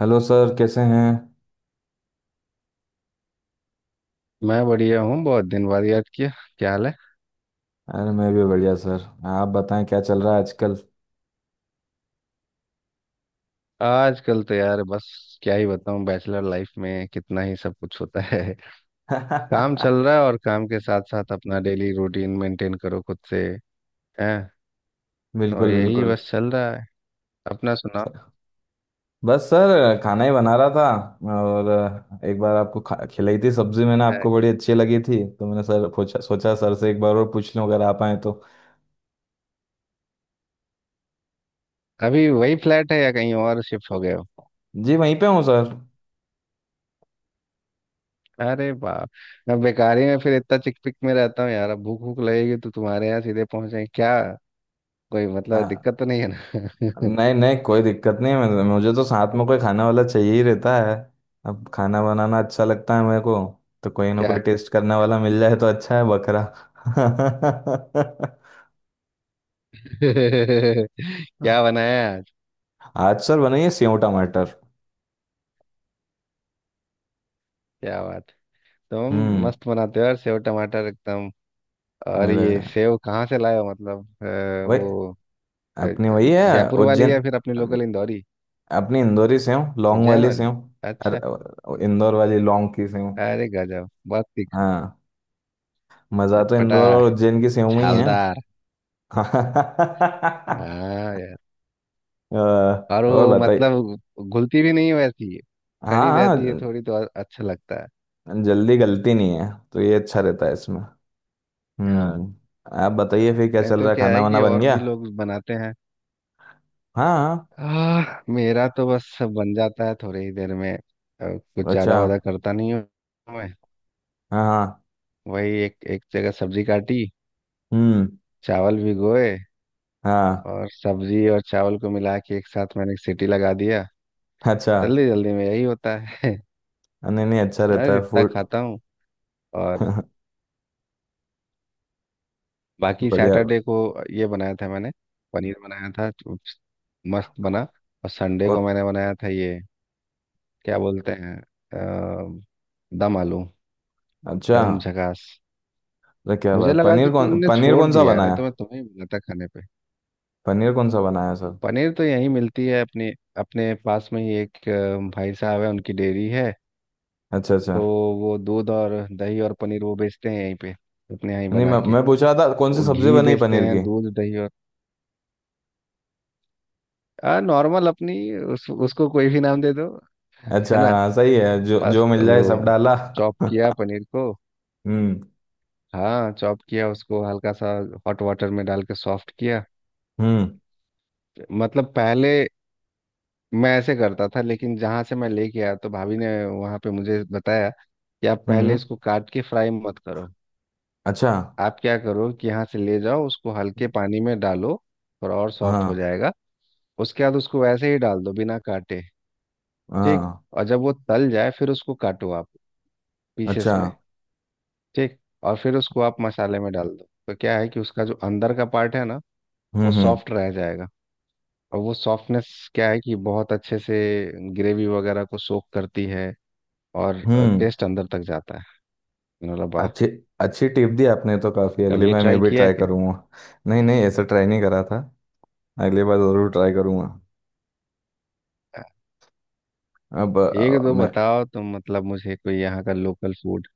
Hello sir, कैसे हैं। मैं बढ़िया हूँ। बहुत दिन बाद याद किया। क्या हाल है? अरे मैं भी बढ़िया सर। आप बताएं क्या चल रहा है आजकल। आजकल तो यार बस क्या ही बताऊँ, बैचलर लाइफ में कितना ही सब कुछ होता है। काम चल रहा है, और काम के साथ साथ अपना डेली रूटीन मेंटेन करो खुद से। हैं। और बिल्कुल यही बिल्कुल। बस चल रहा है। अपना सुनाओ। बस सर खाना ही बना रहा था। और एक बार आपको खिलाई थी सब्जी मैंने, आपको है? बड़ी अच्छी लगी थी, तो मैंने सर पूछा, सोचा सर से एक बार और पूछ लूं अगर आप आए तो। अभी वही फ्लैट है या कहीं और शिफ्ट हो गए हो? जी वहीं पे हूँ सर। अरे बाप। मैं बेकारी में फिर इतना चिकपिक में रहता हूँ यार, अब भूख भूख लगेगी तो तुम्हारे यहाँ सीधे पहुंचे क्या? कोई मतलब हाँ, दिक्कत तो नहीं है ना? नहीं नहीं कोई दिक्कत नहीं है। मुझे तो साथ में कोई खाने वाला चाहिए ही रहता है। अब खाना बनाना अच्छा लगता है मेरे को, तो कोई ना क्या। कोई टेस्ट करने वाला मिल जाए तो अच्छा है, बकरा। क्या बनाया आज? आचार बनाइए सेव टमाटर। क्या बात। तुम हम्म। मस्त बनाते हो यार, सेव टमाटर एकदम। और मेरे, ये सेव कहाँ से लाए हो, मतलब वही, वो अ, अपनी वही है। जयपुर वाली उज्जैन। या फिर अपनी लोकल इंदौरी अपनी इंदौरी सेव, लौंग उज्जैन वाली सेव। वाली? अच्छा। अरे इंदौर वाली लौंग की सेव। अरे गजब, बहुत तीखा, हाँ, मजा तो चटपटा, इंदौर और उज्जैन की सेव में ही है। छालदार। अ, हाँ यार। और और वो बताइए। मतलब घुलती भी नहीं है वैसी, हाँ खड़ी रहती है हाँ। थोड़ी तो और अच्छा लगता है। जल्दी गलती नहीं है तो ये अच्छा रहता है इसमें। हाँ हम्म। आप बताइए हाँ। फिर क्या नहीं चल तो रहा है, क्या खाना है वाना कि बन और गया। भी लोग बनाते हैं। हाँ हाँ। मेरा तो बस बन जाता है थोड़ी ही देर में, कुछ अच्छा। ज्यादा वादा करता नहीं हूँ मैं। हाँ हाँ। वही एक एक जगह सब्जी काटी, हम्म। चावल भिगोए, हाँ। और सब्जी और चावल को मिला के एक साथ मैंने एक सीटी लगा दिया। अच्छा। जल्दी जल्दी में यही होता है। नहीं नहीं अच्छा हाँ, रहता है इतना फूड। खाता हूँ। और बाकी बढ़िया। सैटरडे को ये बनाया था मैंने, पनीर बनाया था तो मस्त बना। और संडे कौन। को मैंने बनाया था ये, क्या बोलते हैं, अ, दम आलू। अच्छा। एकदम झकास। अरे क्या मुझे बात। लगा पनीर कि कौन, तुमने पनीर छोड़ कौन सा दिया है, नहीं बनाया। तो मैं तुम्हें ही बनाता खाने। पनीर कौन सा बनाया सर। पनीर तो यहीं मिलती है अपने, अपने पास में ही एक भाई साहब है, उनकी डेयरी है। अच्छा अच्छा। तो वो दूध और दही और पनीर वो बेचते हैं यहीं पे, अपने यहाँ ही नहीं, बना मैं के। मैं पूछ रहा था कौन सी वो सब्जी घी बनी बेचते पनीर हैं, की। दूध दही और आ नॉर्मल अपनी उसको कोई भी नाम दे दो। है अच्छा, ना। हाँ, सही है, जो जो बस मिल जाए सब वो डाला। चॉप किया पनीर को। हम्म हाँ चॉप किया उसको हल्का सा, हॉट वाटर में डाल के सॉफ्ट किया। हम्म। मतलब पहले मैं ऐसे करता था, लेकिन जहाँ से मैं लेके आया तो भाभी ने वहाँ पे मुझे बताया कि आप पहले हम्म। इसको काट के फ्राई मत करो। अच्छा। आप क्या करो कि यहाँ से ले जाओ उसको, हल्के पानी में डालो और सॉफ्ट हो हाँ जाएगा। उसके बाद उसको वैसे ही डाल दो बिना काटे। ठीक। हाँ। और जब वो तल जाए फिर उसको काटो आप, अच्छा। पीसेस में। ठीक। और फिर उसको आप मसाले में डाल दो, तो क्या है कि उसका जो अंदर का पार्ट है ना, वो हम्म। सॉफ्ट रह जाएगा। और वो सॉफ्टनेस क्या है कि बहुत अच्छे से ग्रेवी वगैरह को सोख करती है, और हम्म। टेस्ट अंदर तक जाता है। मैंने बोला वाह। अच्छी। अच्छी टिप दी आपने तो, काफ़ी, अगली कभी ये बार मैं ट्राई भी किया है ट्राई क्या? करूँगा। नहीं नहीं ऐसा ट्राई नहीं करा था। अगली बार ज़रूर ट्राई करूँगा। अब एक दो मैं। बताओ तुम, मतलब मुझे कोई यहाँ का लोकल फूड।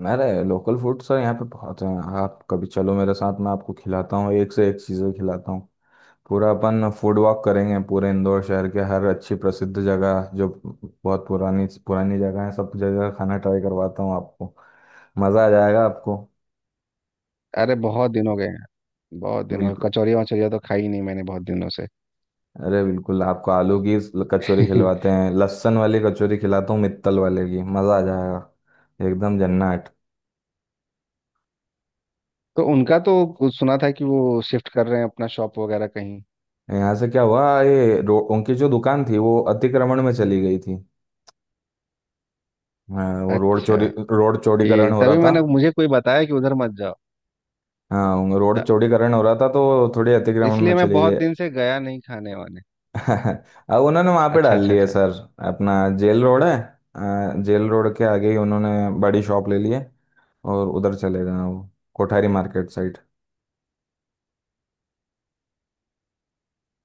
मेरे लोकल फूड सर यहाँ पे बहुत हैं। आप कभी चलो मेरे साथ, मैं आपको खिलाता हूँ, एक से एक चीज़ें खिलाता हूँ। पूरा अपन फूड वॉक करेंगे पूरे इंदौर शहर के, हर अच्छी प्रसिद्ध जगह जो बहुत पुरानी पुरानी जगह है, सब जगह खाना ट्राई करवाता हूँ आपको। मज़ा आ जाएगा आपको। अरे बहुत दिन हो गए हैं। बहुत दिन हो गए, बिल्कुल। कचौरियाँ वचौरियाँ तो खाई नहीं मैंने बहुत दिनों से। अरे बिल्कुल, आपको आलू की कचौरी खिलवाते हैं, लहसुन वाली कचौरी खिलाता हूँ मित्तल वाले की, मज़ा आ जाएगा, एकदम जन्नत। तो उनका तो कुछ सुना था कि वो शिफ्ट कर रहे हैं अपना शॉप वगैरह कहीं। यहाँ से क्या हुआ, ये उनकी जो दुकान थी वो अतिक्रमण में चली गई थी। हाँ, वो रोड अच्छा। चोरी, रोड चौड़ीकरण ये हो रहा तभी था। मैंने, मुझे कोई बताया कि उधर मत जाओ। हाँ वो रोड अच्छा, चौड़ीकरण हो रहा था तो थोड़ी अतिक्रमण में इसलिए मैं चली बहुत गए। दिन से गया नहीं खाने वाने। अब उन्होंने वहां पे अच्छा डाल अच्छा लिए अच्छा। सर, अपना जेल रोड है, जेल रोड के आगे ही उन्होंने बड़ी शॉप ले ली है और उधर चले गए हैं वो, Kothari market side.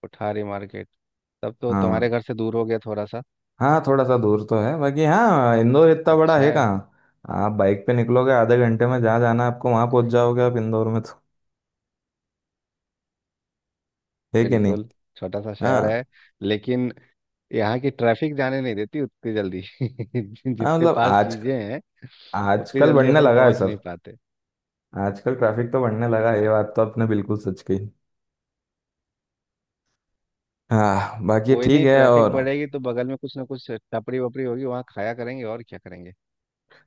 Kothari market. तब तो हाँ, तुम्हारे घर से दूर हो गया थोड़ा सा। हाँ थोड़ा सा दूर तो है, बाकी हाँ इंदौर इतना बड़ा है अच्छा। कहाँ। आप बाइक पे निकलोगे, आधे घंटे में जहाँ जाना है आपको वहां पहुंच जाओगे आप इंदौर में तो, है कि नहीं। बिल्कुल। छोटा सा शहर है, हाँ लेकिन यहाँ की ट्रैफिक जाने नहीं देती उतनी जल्दी हाँ, जितने मतलब पास आज, चीजें हैं, उतनी आजकल जल्दी बढ़ने अपन लगा है पहुंच नहीं सर। पाते। आजकल ट्रैफिक तो बढ़ने लगा, ये हाँ, बात तो आपने बिल्कुल सच कही। हाँ बाकी कोई ठीक नहीं, है। ट्रैफिक और बढ़ेगी तो बगल में कुछ ना कुछ टपरी वपरी होगी, वहाँ खाया करेंगे और क्या करेंगे।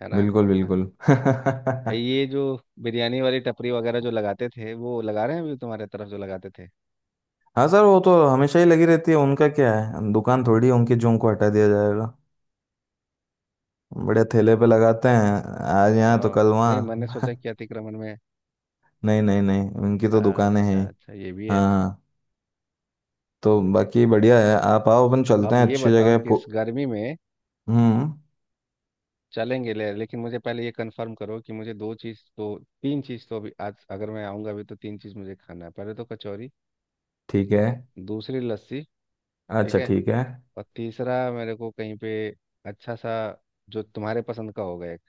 है ना। बिल्कुल बिल्कुल। ये जो बिरयानी वाली टपरी वगैरह जो लगाते थे, वो लगा रहे हैं अभी तुम्हारे तरफ जो लगाते थे? हाँ सर वो तो हमेशा ही लगी रहती है। उनका क्या है दुकान थोड़ी है उनकी, जो उनको हटा दिया जाएगा। बड़े ठेले पे लगाते हैं, आज यहाँ तो आ, कल नहीं मैंने सोचा वहाँ। कि अतिक्रमण में। नहीं नहीं नहीं उनकी तो दुकानें हैं अच्छा ही। अच्छा, ये भी है। हाँ तो बाकी बढ़िया है, आप आओ अपन चलते अब हैं ये अच्छी बताओ जगह कि इस गर्मी में हम्म। चलेंगे ले, लेकिन मुझे पहले ये कंफर्म करो कि मुझे दो चीज़ तो, तीन चीज़ तो, अभी आज अगर मैं आऊँगा अभी तो तीन चीज़ मुझे खाना है। पहले तो कचौरी, ठीक है। दूसरी लस्सी। ठीक अच्छा है। ठीक है। और तीसरा मेरे को कहीं पे अच्छा सा, जो तुम्हारे पसंद का होगा एक,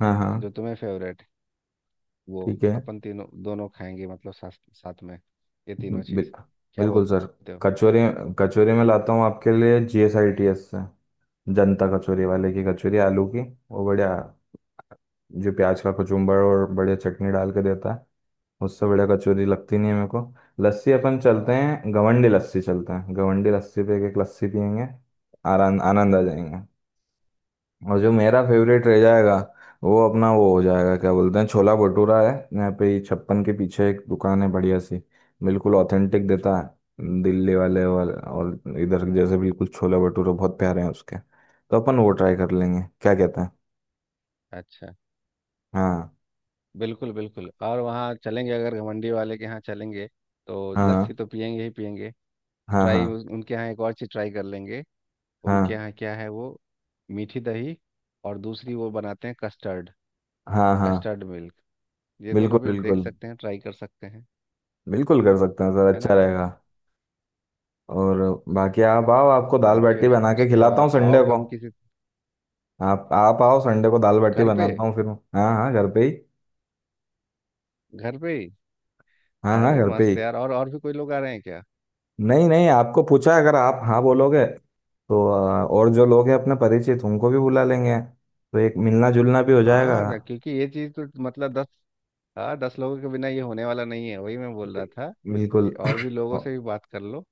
हाँ हाँ जो तुम्हें फेवरेट वो, ठीक है। अपन तीनों दोनों खाएंगे, मतलब साथ साथ में ये तीनों बिल, चीज़। क्या बिल्कुल सर। बोलते हो? कचौरी, कचौरी में लाता हूँ आपके लिए जीएसआईटीएस से, जनता कचौरी वाले की कचौरी, आलू की, वो बढ़िया, जो प्याज का कचुम्बर और बढ़िया चटनी डाल के देता है, उससे बढ़िया कचौरी लगती नहीं है मेरे को। लस्सी अपन क्या चलते बात। हैं, गवंडी लस्सी चलते हैं, गवंडी लस्सी पे एक एक लस्सी पियेंगे, आराम आनंद आ जाएंगे। और जो मेरा फेवरेट रह जाएगा, वो अपना, वो हो जाएगा क्या बोलते हैं, छोला भटूरा है यहाँ पे ही, छप्पन के पीछे एक दुकान है बढ़िया सी, बिल्कुल ऑथेंटिक देता है, दिल्ली वाले वाले और इधर जैसे बिल्कुल छोला भटूरा, बहुत प्यारे हैं उसके, तो अपन वो ट्राई कर लेंगे, क्या कहते हैं। अच्छा। हाँ। बिल्कुल बिल्कुल। और वहाँ चलेंगे, अगर घमंडी वाले के यहाँ चलेंगे तो लस्सी हाँ तो पियेंगे ही पियेंगे। हाँ। हाँ ट्राई, उनके यहाँ एक और चीज़ ट्राई कर लेंगे। उनके हाँ यहाँ क्या है वो, मीठी दही, और दूसरी वो बनाते हैं कस्टर्ड, हाँ हाँ। Custard milk. ये बिल्कुल दोनों भी देख बिल्कुल। सकते हैं, ट्राई कर सकते हैं। बिल्कुल कर सकते हैं सर, है अच्छा ना। रहेगा। और बाकी आप आओ, आपको दाल और बाटी फिर बना के उसके खिलाता हूँ बाद आओ संडे को। कभी किसी, आप आओ संडे को, दाल बाटी घर पे। बनाता हूँ फिर। हाँ हाँ घर पे ही। घर पे ही। हाँ हाँ अरे घर पे ही। मस्त यार। और भी कोई लोग आ रहे हैं क्या? नहीं नहीं, आपको पूछा, अगर आप हाँ बोलोगे तो और जो लोग हैं अपने परिचित उनको भी बुला लेंगे तो एक मिलना जुलना भी हो जाएगा। हाँ ना, क्योंकि ये चीज़ तो मतलब दस, हाँ 10 लोगों के बिना ये होने वाला नहीं है, वही मैं बोल रहा था बिल- बिल्कुल। कि और भी लोगों औ- से भी बात कर लो।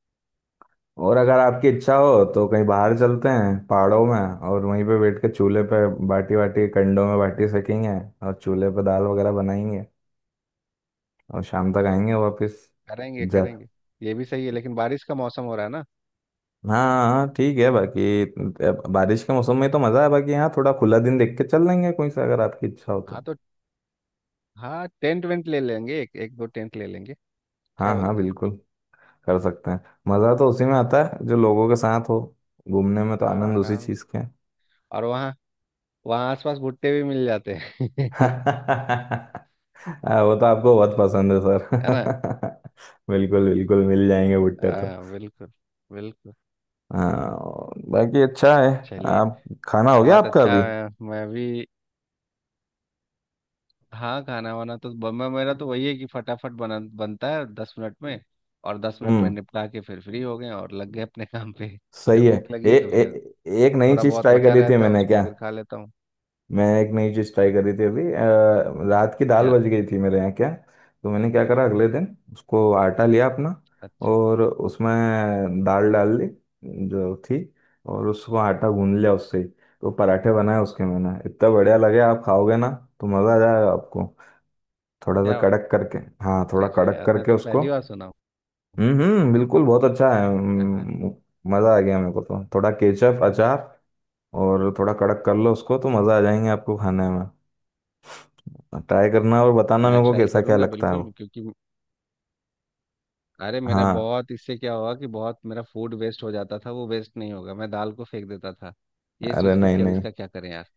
और अगर आपकी इच्छा हो तो कहीं बाहर चलते हैं पहाड़ों में, और वहीं पे बैठ के चूल्हे पे बाटी वाटी, कंडों में बाटी सेकेंगे, और चूल्हे पे दाल वगैरह बनाएंगे, और शाम तक आएंगे वापस। करेंगे जर, करेंगे। ये भी सही है, लेकिन बारिश का मौसम हो रहा है ना। हाँ हाँ ठीक है बाकी। अब बारिश के मौसम में तो मज़ा है, बाकी यहाँ थोड़ा खुला दिन देख के चल लेंगे कोई सा, अगर आपकी इच्छा हो हाँ तो। तो, हाँ टेंट वेंट ले लेंगे, एक एक दो टेंट ले लेंगे। क्या हाँ हाँ बोलते हो? बिल्कुल। कर सकते हैं। मज़ा तो उसी में आता है जो लोगों के साथ हो, घूमने में तो हाँ आनंद उसी आराम से। चीज़ का है। और वहाँ वहाँ आसपास भुट्टे भी मिल जाते हैं। हाँ, वो तो आपको बहुत पसंद है है ना। सर। बिल्कुल बिल्कुल मिल जाएंगे भुट्टे तो। हाँ बिल्कुल। बिल्कुल। हाँ बाकी अच्छा है। चलिए। आप खाना हो गया बहुत आपका अच्छा अभी। है मैं भी। हाँ खाना वाना तो मैं मेरा तो वही है कि फटाफट बना बनता है 10 मिनट में, और 10 मिनट में हम्म, निपटा के फिर फ्री हो गए और लग गए अपने काम पे। फिर सही है। भूख ए, लगी तो फिर, ए, एक नई थोड़ा चीज़ बहुत ट्राई बचा करी थी रहता है मैंने, उसको क्या। फिर खा लेता हूँ। मैं एक नई चीज़ ट्राई करी थी अभी, रात की दाल क्या? बच गई थी मेरे यहाँ, क्या। तो मैंने क्या करा अगले दिन, उसको आटा लिया अपना अच्छा। और उसमें दाल डाल दी जो थी, और उसको आटा गूंद लिया उससे ही। तो पराठे बनाए उसके मैंने, इतना बढ़िया लगे, आप खाओगे ना तो मज़ा आ जाएगा आपको। थोड़ा सा क्या बात, कड़क करके, हाँ थोड़ा कर रहे हो कड़क यार, मैं करके तो उसको। पहली बार सुना हूँ। हम्म, बिल्कुल बहुत अच्छा है। हाँ हाँ। मज़ा आ गया मेरे को, तो थोड़ा केचप अचार और थोड़ा कड़क कर लो उसको तो मज़ा आ जाएंगे आपको खाने में। ट्राई करना और बताना मैं मेरे को ट्राई कैसा क्या करूंगा लगता है बिल्कुल, वो। क्योंकि अरे मेरा हाँ, बहुत इससे क्या हुआ कि बहुत मेरा फूड वेस्ट हो जाता था, वो वेस्ट नहीं होगा। मैं दाल को फेंक देता था ये अरे सोच के नहीं कि अब नहीं, इसका क्या करें यार।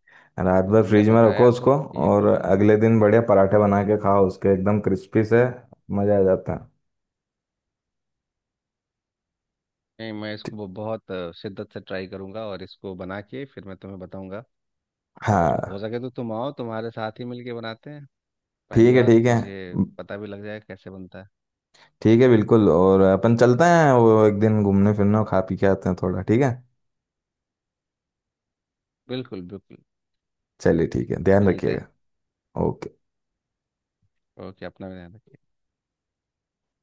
रात और भर तुमने फ्रिज में रखो बताया तो उसको ये और तो मतलब अगले दिन बढ़िया पराठे बना के हम्म, खाओ उसके एकदम क्रिस्पी से, मजा आ जाता है। नहीं मैं ठी- इसको बहुत शिद्दत से ट्राई करूंगा और इसको बना के फिर मैं तुम्हें बताऊंगा। और हाँ हो सके तो तुम आओ, तुम्हारे साथ ही मिलके बनाते हैं। पहली ठीक है बार ठीक है। मुझे पता भी लग जाएगा कैसे बनता है। ठीक है बिल्कुल, और अपन चलते हैं वो एक दिन घूमने फिरने और खा पी के आते हैं थोड़ा, ठीक है। बिल्कुल बिल्कुल। चलिए, ठीक है, ध्यान मिलते हैं। रखिएगा। ओके। ओके। अपना भी ध्यान रखिए।